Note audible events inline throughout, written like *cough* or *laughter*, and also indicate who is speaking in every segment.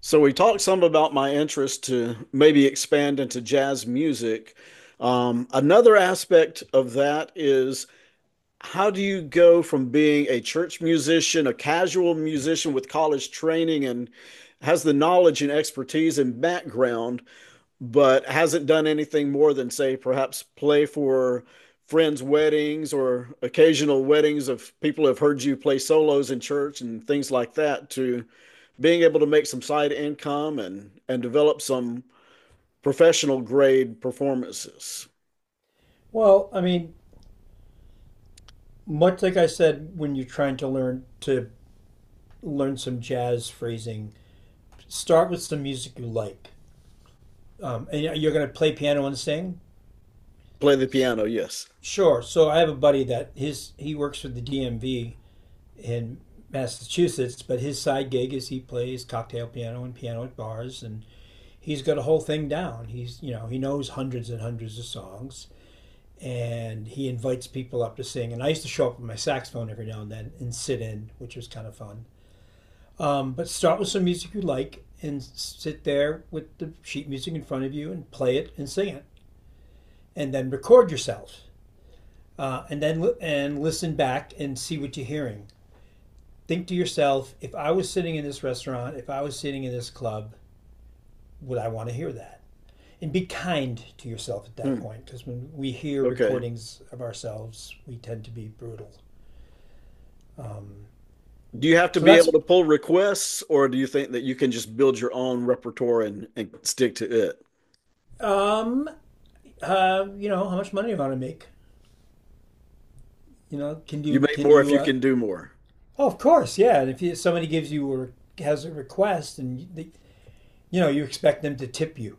Speaker 1: So we talked some about my interest to maybe expand into jazz music. Another aspect of that is how do you go from being a church musician, a casual musician with college training and has the knowledge and expertise and background, but hasn't done anything more than, say, perhaps play for friends' weddings or occasional weddings of people who have heard you play solos in church and things like that, to being able to make some side income and develop some professional grade performances.
Speaker 2: Well, I mean, much like I said when you're trying to learn some jazz phrasing, start with some music you like. And you're going to play piano and sing?
Speaker 1: Play the piano, yes.
Speaker 2: Sure. So I have a buddy that his he works for the DMV in Massachusetts, but his side gig is he plays cocktail piano and piano at bars, and he's got a whole thing down. He's, you know, he knows hundreds and hundreds of songs, and he invites people up to sing. And I used to show up with my saxophone every now and then and sit in, which was kind of fun. But start with some music you like and sit there with the sheet music in front of you and play it and sing it, and then record yourself. And listen back and see what you're hearing. Think to yourself, if I was sitting in this restaurant, if I was sitting in this club, would I want to hear that? And be kind to yourself at that
Speaker 1: Hmm.
Speaker 2: point, because when we hear
Speaker 1: Okay.
Speaker 2: recordings of ourselves, we tend to be brutal. Um,
Speaker 1: Do you have to
Speaker 2: so
Speaker 1: be
Speaker 2: that's
Speaker 1: able to pull requests, or do you think that you can just build your own repertoire and stick to it?
Speaker 2: um, you know, how much money do you want to make? You know,
Speaker 1: You make
Speaker 2: can
Speaker 1: more if
Speaker 2: you
Speaker 1: you can do more.
Speaker 2: Oh, of course, yeah. And if somebody gives you or has a request, and you know, you expect them to tip you,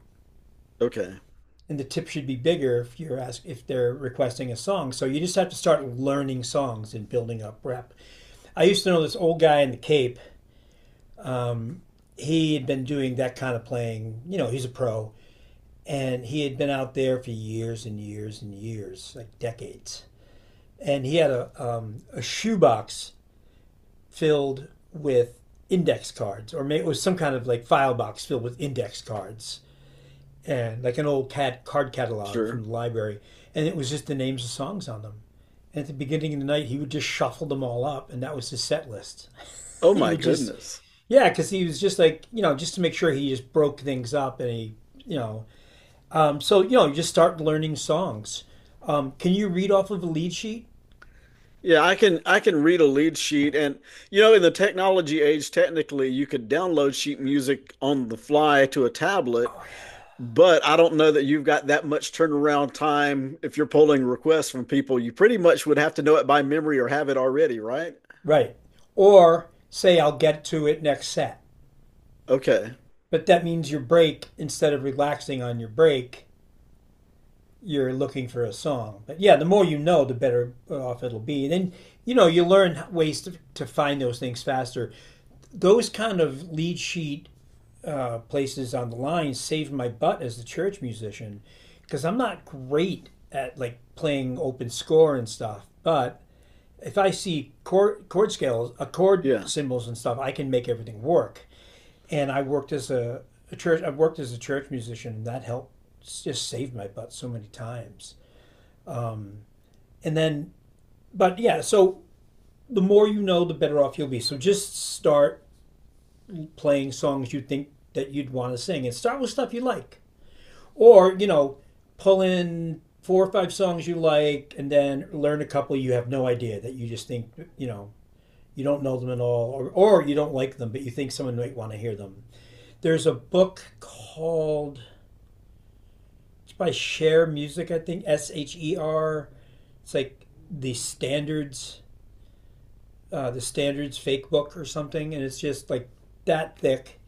Speaker 1: Okay,
Speaker 2: and the tip should be bigger if they're requesting a song. So you just have to start learning songs and building up rep. I used to know this old guy in the Cape. Um, he had been doing that kind of playing. You know, he's a pro, and he had been out there for years and years and years, like decades. And he had a shoebox filled with index cards, or maybe it was some kind of like file box filled with index cards and like an old cat card catalog
Speaker 1: sure.
Speaker 2: from the library. And it was just the names of songs on them, and at the beginning of the night he would just shuffle them all up, and that was his set list.
Speaker 1: Oh
Speaker 2: *laughs* He
Speaker 1: my
Speaker 2: would just,
Speaker 1: goodness.
Speaker 2: yeah, because he was just like, you know, just to make sure he just broke things up. And he, you know so you know, you just start learning songs. Can you read off of a lead sheet?
Speaker 1: Yeah, I can read a lead sheet and you know, in the technology age, technically you could download sheet music on the fly to a tablet.
Speaker 2: Oh yeah.
Speaker 1: But I don't know that you've got that much turnaround time if you're polling requests from people. You pretty much would have to know it by memory or have it already, right?
Speaker 2: Right, or say I'll get to it next set.
Speaker 1: Okay.
Speaker 2: But that means your break, instead of relaxing on your break, you're looking for a song. But yeah, the more you know, the better off it'll be. And then, you know, you learn ways to find those things faster. Those kind of lead sheet places on the line saved my butt as the church musician, because I'm not great at like playing open score and stuff. But if I see chord scales, chord
Speaker 1: Yeah.
Speaker 2: symbols and stuff, I can make everything work. And I worked as a church musician, and that helped just save my butt so many times. And then, but yeah, so the more you know, the better off you'll be. So just start playing songs you think that you'd want to sing, and start with stuff you like, or you know, pull in four or five songs you like, and then learn a couple you have no idea that you just think, you know, you don't know them at all, or you don't like them, but you think someone might want to hear them. There's a book called, it's by Share Music, I think. Sher. It's like the standards fake book or something, and it's just like that thick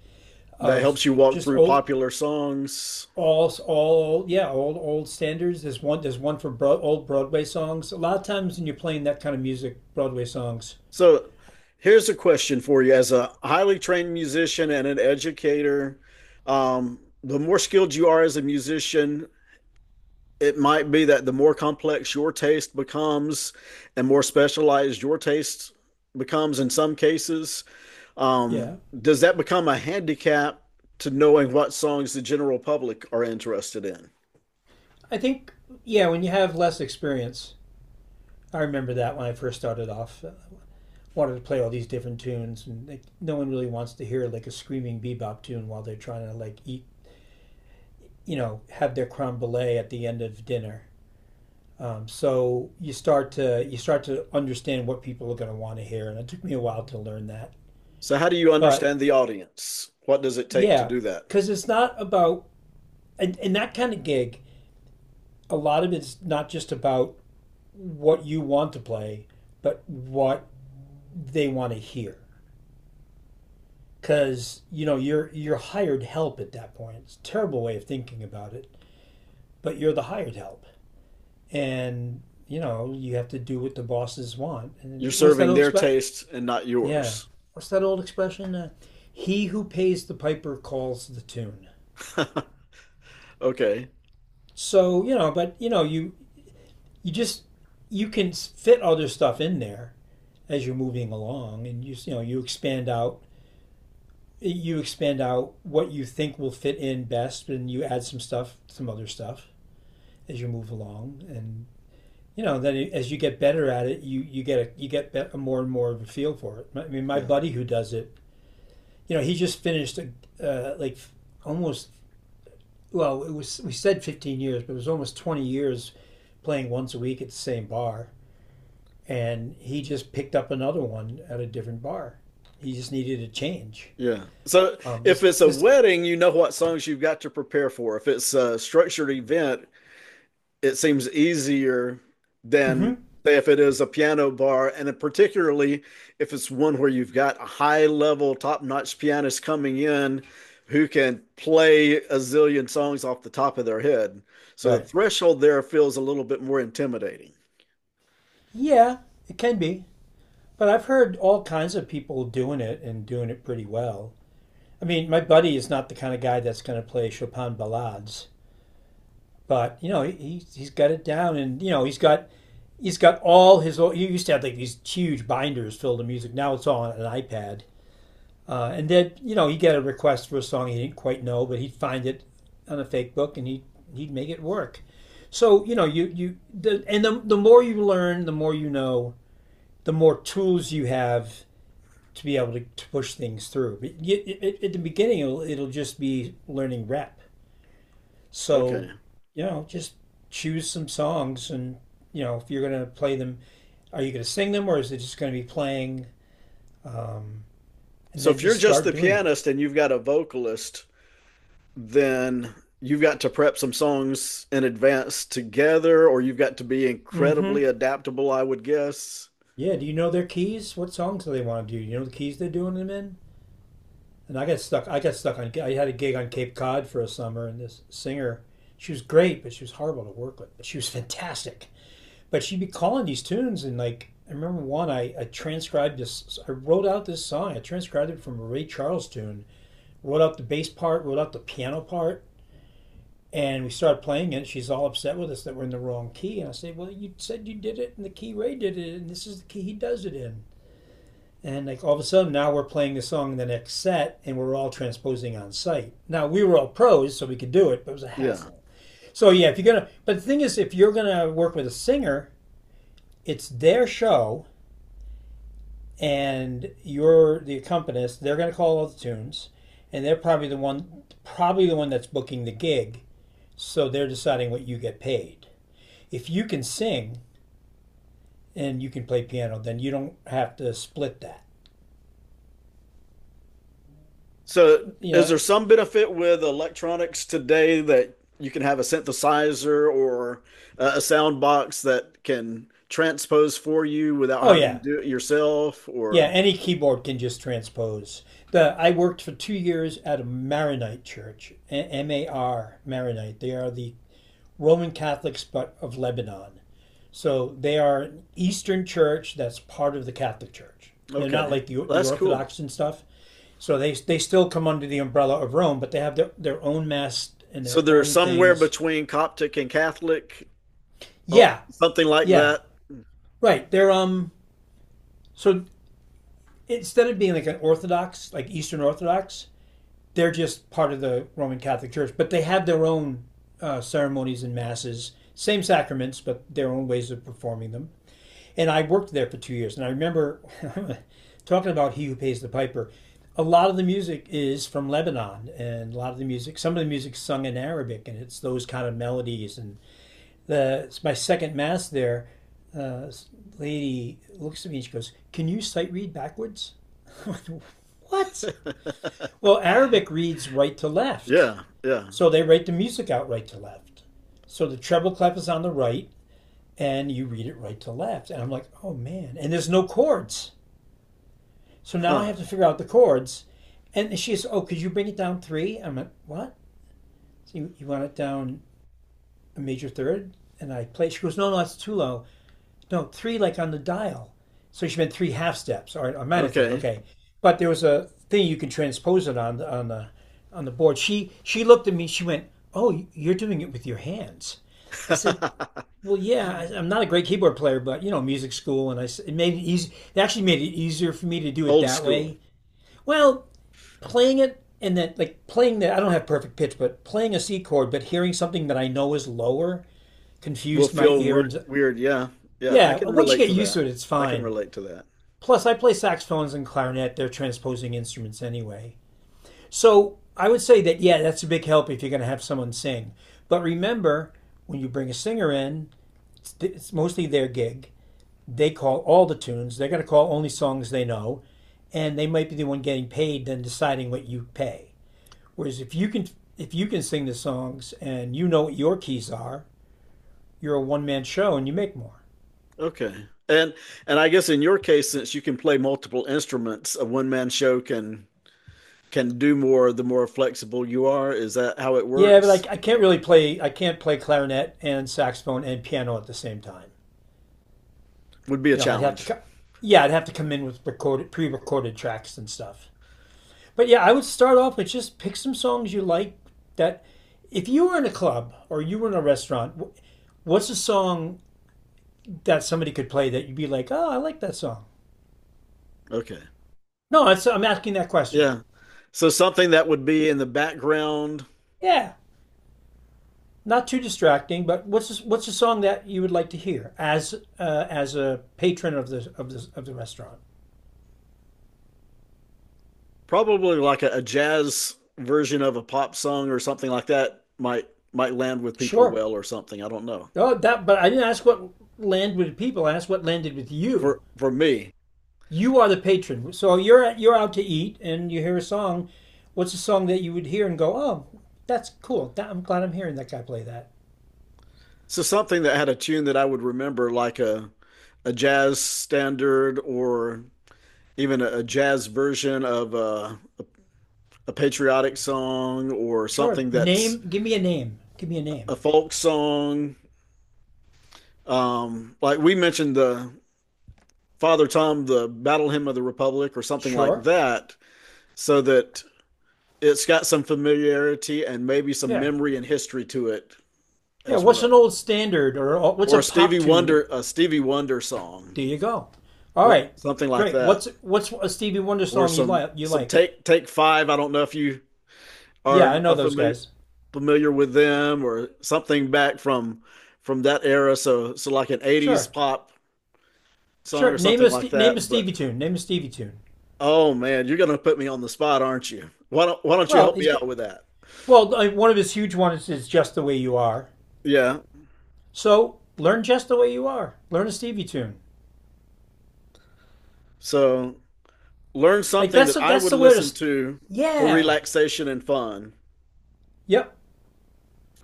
Speaker 1: That
Speaker 2: of
Speaker 1: helps you walk
Speaker 2: just
Speaker 1: through popular songs.
Speaker 2: yeah, old standards. There's one for old Broadway songs. A lot of times when you're playing that kind of music, Broadway songs,
Speaker 1: So here's a question for you as a highly trained musician and an educator. The more skilled you are as a musician, it might be that the more complex your taste becomes and more specialized your taste becomes in some cases.
Speaker 2: yeah.
Speaker 1: Does that become a handicap to knowing what songs the general public are interested in?
Speaker 2: I think, yeah, when you have less experience, I remember that when I first started off, wanted to play all these different tunes, and like no one really wants to hear like a screaming bebop tune while they're trying to like eat, you know, have their creme brulee at the end of dinner. So you start to understand what people are going to want to hear, and it took me a while to learn that.
Speaker 1: So, how do you
Speaker 2: But
Speaker 1: understand the audience? What does it take to
Speaker 2: yeah,
Speaker 1: do that?
Speaker 2: because it's not about and that kind of gig. A lot of it's not just about what you want to play, but what they want to hear, because you know you're hired help at that point. It's a terrible way of thinking about it, but you're the hired help, and you know you have to do what the bosses want.
Speaker 1: You're
Speaker 2: And what's that
Speaker 1: serving
Speaker 2: old
Speaker 1: their
Speaker 2: expression?
Speaker 1: taste and not
Speaker 2: Yeah,
Speaker 1: yours.
Speaker 2: what's that old expression? He who pays the piper calls the tune.
Speaker 1: *laughs* Okay.
Speaker 2: So you know, but you know, you just you can fit other stuff in there as you're moving along, and you know, you expand out what you think will fit in best, and you add some stuff, some other stuff as you move along. And you know, then as you get better at it, you get a more and more of a feel for it. I mean, my
Speaker 1: Yeah.
Speaker 2: buddy who does it, you know, he just finished like almost, well, it was, we said 15 years, but it was almost 20 years playing once a week at the same bar, and he just picked up another one at a different bar. He just needed a change.
Speaker 1: Yeah. So
Speaker 2: Um,
Speaker 1: if
Speaker 2: this
Speaker 1: it's a
Speaker 2: this
Speaker 1: wedding, you know what songs you've got to prepare for. If it's a structured event, it seems easier than
Speaker 2: mm-hmm,
Speaker 1: say if it is a piano bar, and particularly if it's one where you've got a high level, top notch pianist coming in who can play a zillion songs off the top of their head. So the
Speaker 2: right,
Speaker 1: threshold there feels a little bit more intimidating.
Speaker 2: yeah, it can be. But I've heard all kinds of people doing it and doing it pretty well. I mean, my buddy is not the kind of guy that's going to play Chopin ballades, but you know, he's got it down, and you know, he's got all He used to have like these huge binders filled with music. Now it's all on an iPad. And then you know, he'd get a request for a song he didn't quite know, but he'd find it on a fake book, and he'd make it work. So you know, you the, and the the more you learn, the more you know, the more tools you have to be able to push things through. But at the beginning, it'll just be learning rep. So,
Speaker 1: Okay.
Speaker 2: you know, just choose some songs, and you know, if you're going to play them, are you going to sing them, or is it just going to be playing? Um, and
Speaker 1: So
Speaker 2: then
Speaker 1: if you're
Speaker 2: just
Speaker 1: just
Speaker 2: start
Speaker 1: the
Speaker 2: doing them.
Speaker 1: pianist and you've got a vocalist, then you've got to prep some songs in advance together, or you've got to be
Speaker 2: Mm-hmm.
Speaker 1: incredibly adaptable, I would guess.
Speaker 2: Yeah. Do you know their keys? What songs do they want to do? You know the keys they're doing them in? And I got stuck. I got stuck on. I had a gig on Cape Cod for a summer, and this singer, she was great, but she was horrible to work with. She was fantastic, but she'd be calling these tunes, and like I remember one, I transcribed this. I wrote out this song. I transcribed it from a Ray Charles tune, wrote out the bass part, wrote out the piano part, and we started playing it. She's all upset with us that we're in the wrong key. And I said, well, you said you did it in the key Ray did it, and this is the key he does it in. And like all of a sudden, now we're playing the song in the next set, and we're all transposing on site. Now we were all pros, so we could do it, but it was a
Speaker 1: Yeah.
Speaker 2: hassle. So yeah, if you're gonna, but the thing is, if you're gonna work with a singer, it's their show, and you're the accompanist. They're gonna call all the tunes, and they're probably probably the one that's booking the gig. So they're deciding what you get paid. If you can sing and you can play piano, then you don't have to split that.
Speaker 1: So,
Speaker 2: You
Speaker 1: is there
Speaker 2: know,
Speaker 1: some benefit with electronics today that you can have a synthesizer or a sound box that can transpose for you without
Speaker 2: oh
Speaker 1: having
Speaker 2: yeah.
Speaker 1: to do it yourself?
Speaker 2: Yeah,
Speaker 1: Or,
Speaker 2: any keyboard can just transpose. The I worked for 2 years at a Maronite church, MAR, Maronite. They are the Roman Catholics but of Lebanon. So they are an Eastern church that's part of the Catholic Church. They're not
Speaker 1: okay.
Speaker 2: like
Speaker 1: Well,
Speaker 2: the
Speaker 1: that's cool.
Speaker 2: Orthodox and stuff. So they still come under the umbrella of Rome, but they have their own mess and
Speaker 1: So,
Speaker 2: their
Speaker 1: they're
Speaker 2: own
Speaker 1: somewhere
Speaker 2: things.
Speaker 1: between Coptic and Catholic, uh,
Speaker 2: Yeah,
Speaker 1: something like
Speaker 2: yeah,
Speaker 1: that.
Speaker 2: right. They're. So instead of being like an Orthodox, like Eastern Orthodox, they're just part of the Roman Catholic Church, but they have their own ceremonies and masses, same sacraments, but their own ways of performing them. And I worked there for 2 years. And I remember *laughs* talking about He Who Pays the Piper. A lot of the music is from Lebanon, and a lot of the music, some of the music's sung in Arabic, and it's those kind of melodies. And the it's my second mass there, this lady looks at me and she goes, "Can you sight read backwards?" *laughs* What?
Speaker 1: *laughs*
Speaker 2: Well, Arabic reads right to left,
Speaker 1: Yeah, yeah.
Speaker 2: so they write the music out right to left. So the treble clef is on the right, and you read it right to left. And I'm like, oh man. And there's no chords. So now I
Speaker 1: Huh.
Speaker 2: have to figure out the chords. And she says, oh, could you bring it down three? I'm like, what? So you want it down a major third? And I play. She goes, no, no, that's too low. No, three like on the dial. So she meant three half steps, or a minor third.
Speaker 1: Okay.
Speaker 2: Okay. But there was a thing you can transpose it on the board. She looked at me. She went, oh, you're doing it with your hands. I said,
Speaker 1: *laughs*
Speaker 2: well, yeah, am not a great keyboard player, but you know, music school, and it made it easy. It actually made it easier for me to do it
Speaker 1: Old
Speaker 2: that way.
Speaker 1: school.
Speaker 2: Well, playing it and then like playing that, I don't have perfect pitch, but playing a C chord, but hearing something that I know is lower
Speaker 1: Will
Speaker 2: confused my
Speaker 1: feel
Speaker 2: ear,
Speaker 1: weird,
Speaker 2: and
Speaker 1: weird. Yeah, yeah. I
Speaker 2: yeah,
Speaker 1: can
Speaker 2: once you
Speaker 1: relate
Speaker 2: get
Speaker 1: to
Speaker 2: used
Speaker 1: that.
Speaker 2: to it, it's
Speaker 1: I can
Speaker 2: fine.
Speaker 1: relate to that.
Speaker 2: Plus, I play saxophones and clarinet; they're transposing instruments anyway. So I would say that, yeah, that's a big help if you're going to have someone sing. But remember, when you bring a singer in, it's mostly their gig. They call all the tunes. They're going to call only songs they know, and they might be the one getting paid than deciding what you pay. Whereas if you can sing the songs and you know what your keys are, you're a one man show and you make more.
Speaker 1: Okay. And I guess in your case, since you can play multiple instruments, a one man show can do more the more flexible you are. Is that how it
Speaker 2: Yeah, but
Speaker 1: works?
Speaker 2: I can't really play. I can't play clarinet and saxophone and piano at the same time.
Speaker 1: Would be a
Speaker 2: You know, I'd have to.
Speaker 1: challenge.
Speaker 2: Co- Yeah, I'd have to come in with recorded pre recorded tracks and stuff. But yeah, I would start off with just pick some songs you like that, if you were in a club or you were in a restaurant, what's a song that somebody could play that you'd be like, "Oh, I like that song."
Speaker 1: Okay.
Speaker 2: No, it's, I'm asking that question.
Speaker 1: Yeah. So something that would be in the background,
Speaker 2: Yeah, not too distracting, but what's a song that you would like to hear as a patron of the of the of the restaurant?
Speaker 1: probably like a jazz version of a pop song or something like that might land with people
Speaker 2: Sure.
Speaker 1: well or something. I don't know.
Speaker 2: Oh, that. But I didn't ask what landed with people. I asked what landed with you.
Speaker 1: For me.
Speaker 2: You are the patron. So you're out to eat and you hear a song. What's a song that you would hear and go, "Oh, that's cool. That, I'm glad I'm hearing that guy play that."
Speaker 1: So something that had a tune that I would remember like a jazz standard or even a jazz version of a patriotic song or
Speaker 2: Sure.
Speaker 1: something that's
Speaker 2: Name. Give me a name. Give me a name.
Speaker 1: a folk song. Like we mentioned the Father Tom, the Battle Hymn of the Republic, or something like
Speaker 2: Sure.
Speaker 1: that, so that it's got some familiarity and maybe some
Speaker 2: Yeah.
Speaker 1: memory and history to it
Speaker 2: Yeah.
Speaker 1: as
Speaker 2: What's an
Speaker 1: well.
Speaker 2: old standard or what's
Speaker 1: Or
Speaker 2: a pop tune?
Speaker 1: A Stevie Wonder song,
Speaker 2: There you go. All
Speaker 1: what
Speaker 2: right.
Speaker 1: something like
Speaker 2: Great.
Speaker 1: that,
Speaker 2: What's a Stevie Wonder
Speaker 1: or
Speaker 2: song you like? You
Speaker 1: some
Speaker 2: like?
Speaker 1: take take five. I don't know if you
Speaker 2: Yeah, I know
Speaker 1: are
Speaker 2: those
Speaker 1: familiar
Speaker 2: guys.
Speaker 1: familiar with them or something back from that era. So so like an '80s
Speaker 2: Sure.
Speaker 1: pop song or
Speaker 2: Sure.
Speaker 1: something like
Speaker 2: Name a
Speaker 1: that. But
Speaker 2: Stevie tune. Name a Stevie tune.
Speaker 1: oh man, you're gonna put me on the spot, aren't you? Why don't you
Speaker 2: Well,
Speaker 1: help
Speaker 2: he's
Speaker 1: me
Speaker 2: good.
Speaker 1: out with that?
Speaker 2: Well, one of his huge ones is "Just the Way You Are."
Speaker 1: Yeah.
Speaker 2: So learn just the way you are. Learn a Stevie tune.
Speaker 1: So learn
Speaker 2: Like
Speaker 1: something
Speaker 2: that's
Speaker 1: that I
Speaker 2: that's
Speaker 1: would
Speaker 2: the way to.
Speaker 1: listen to for
Speaker 2: Yeah.
Speaker 1: relaxation and fun.
Speaker 2: Yep.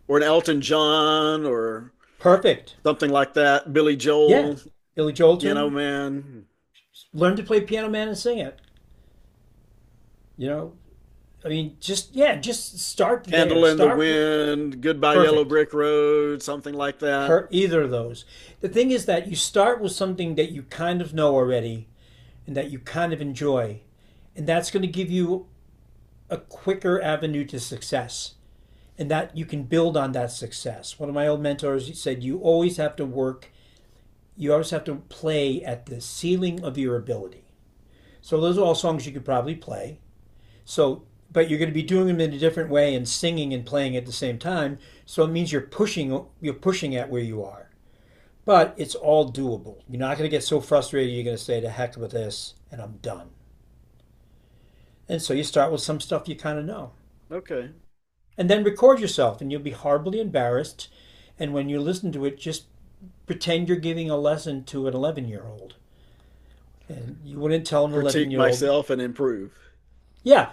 Speaker 1: Or an Elton John or
Speaker 2: Perfect.
Speaker 1: something like that. Billy
Speaker 2: Yeah.
Speaker 1: Joel,
Speaker 2: Billy Joel
Speaker 1: Piano
Speaker 2: tune.
Speaker 1: Man,
Speaker 2: Learn to play Piano Man and sing it. You know. I mean, just yeah, just start there.
Speaker 1: Candle in the
Speaker 2: Start with
Speaker 1: Wind, Goodbye Yellow
Speaker 2: perfect.
Speaker 1: Brick Road, something like that.
Speaker 2: Per either of those. The thing is that you start with something that you kind of know already and that you kind of enjoy, and that's going to give you a quicker avenue to success, and that you can build on that success. One of my old mentors said, you always have to work, you always have to play at the ceiling of your ability. So those are all songs you could probably play. So, but you're going to be doing them in a different way and singing and playing at the same time. So it means you're pushing at where you are. But it's all doable. You're not going to get so frustrated. You're going to say, "To heck with this," and I'm done. And so you start with some stuff you kind of know,
Speaker 1: Okay.
Speaker 2: and then record yourself, and you'll be horribly embarrassed. And when you listen to it, just pretend you're giving a lesson to an 11-year-old year old, and you wouldn't tell an 11-year-old
Speaker 1: Critique
Speaker 2: year old,
Speaker 1: myself and improve.
Speaker 2: yeah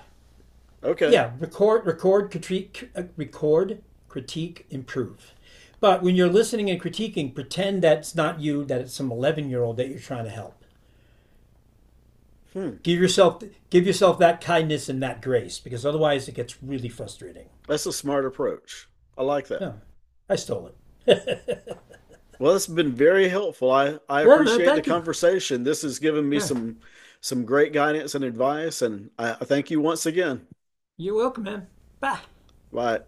Speaker 1: Okay.
Speaker 2: yeah, record, critique, record, critique, improve. But when you're listening and critiquing, pretend that's not you, that it's some 11-year-old year old that you're trying to help.
Speaker 1: Hmm.
Speaker 2: Give yourself give yourself that kindness and that grace, because otherwise it gets really frustrating.
Speaker 1: That's a smart approach. I like that.
Speaker 2: Yeah, I stole it.
Speaker 1: Well, it's been very helpful. I
Speaker 2: Yeah man,
Speaker 1: appreciate the
Speaker 2: thank you.
Speaker 1: conversation. This has given me
Speaker 2: Yeah.
Speaker 1: some great guidance and advice, and I thank you once again.
Speaker 2: You're welcome man. Bye.
Speaker 1: Bye.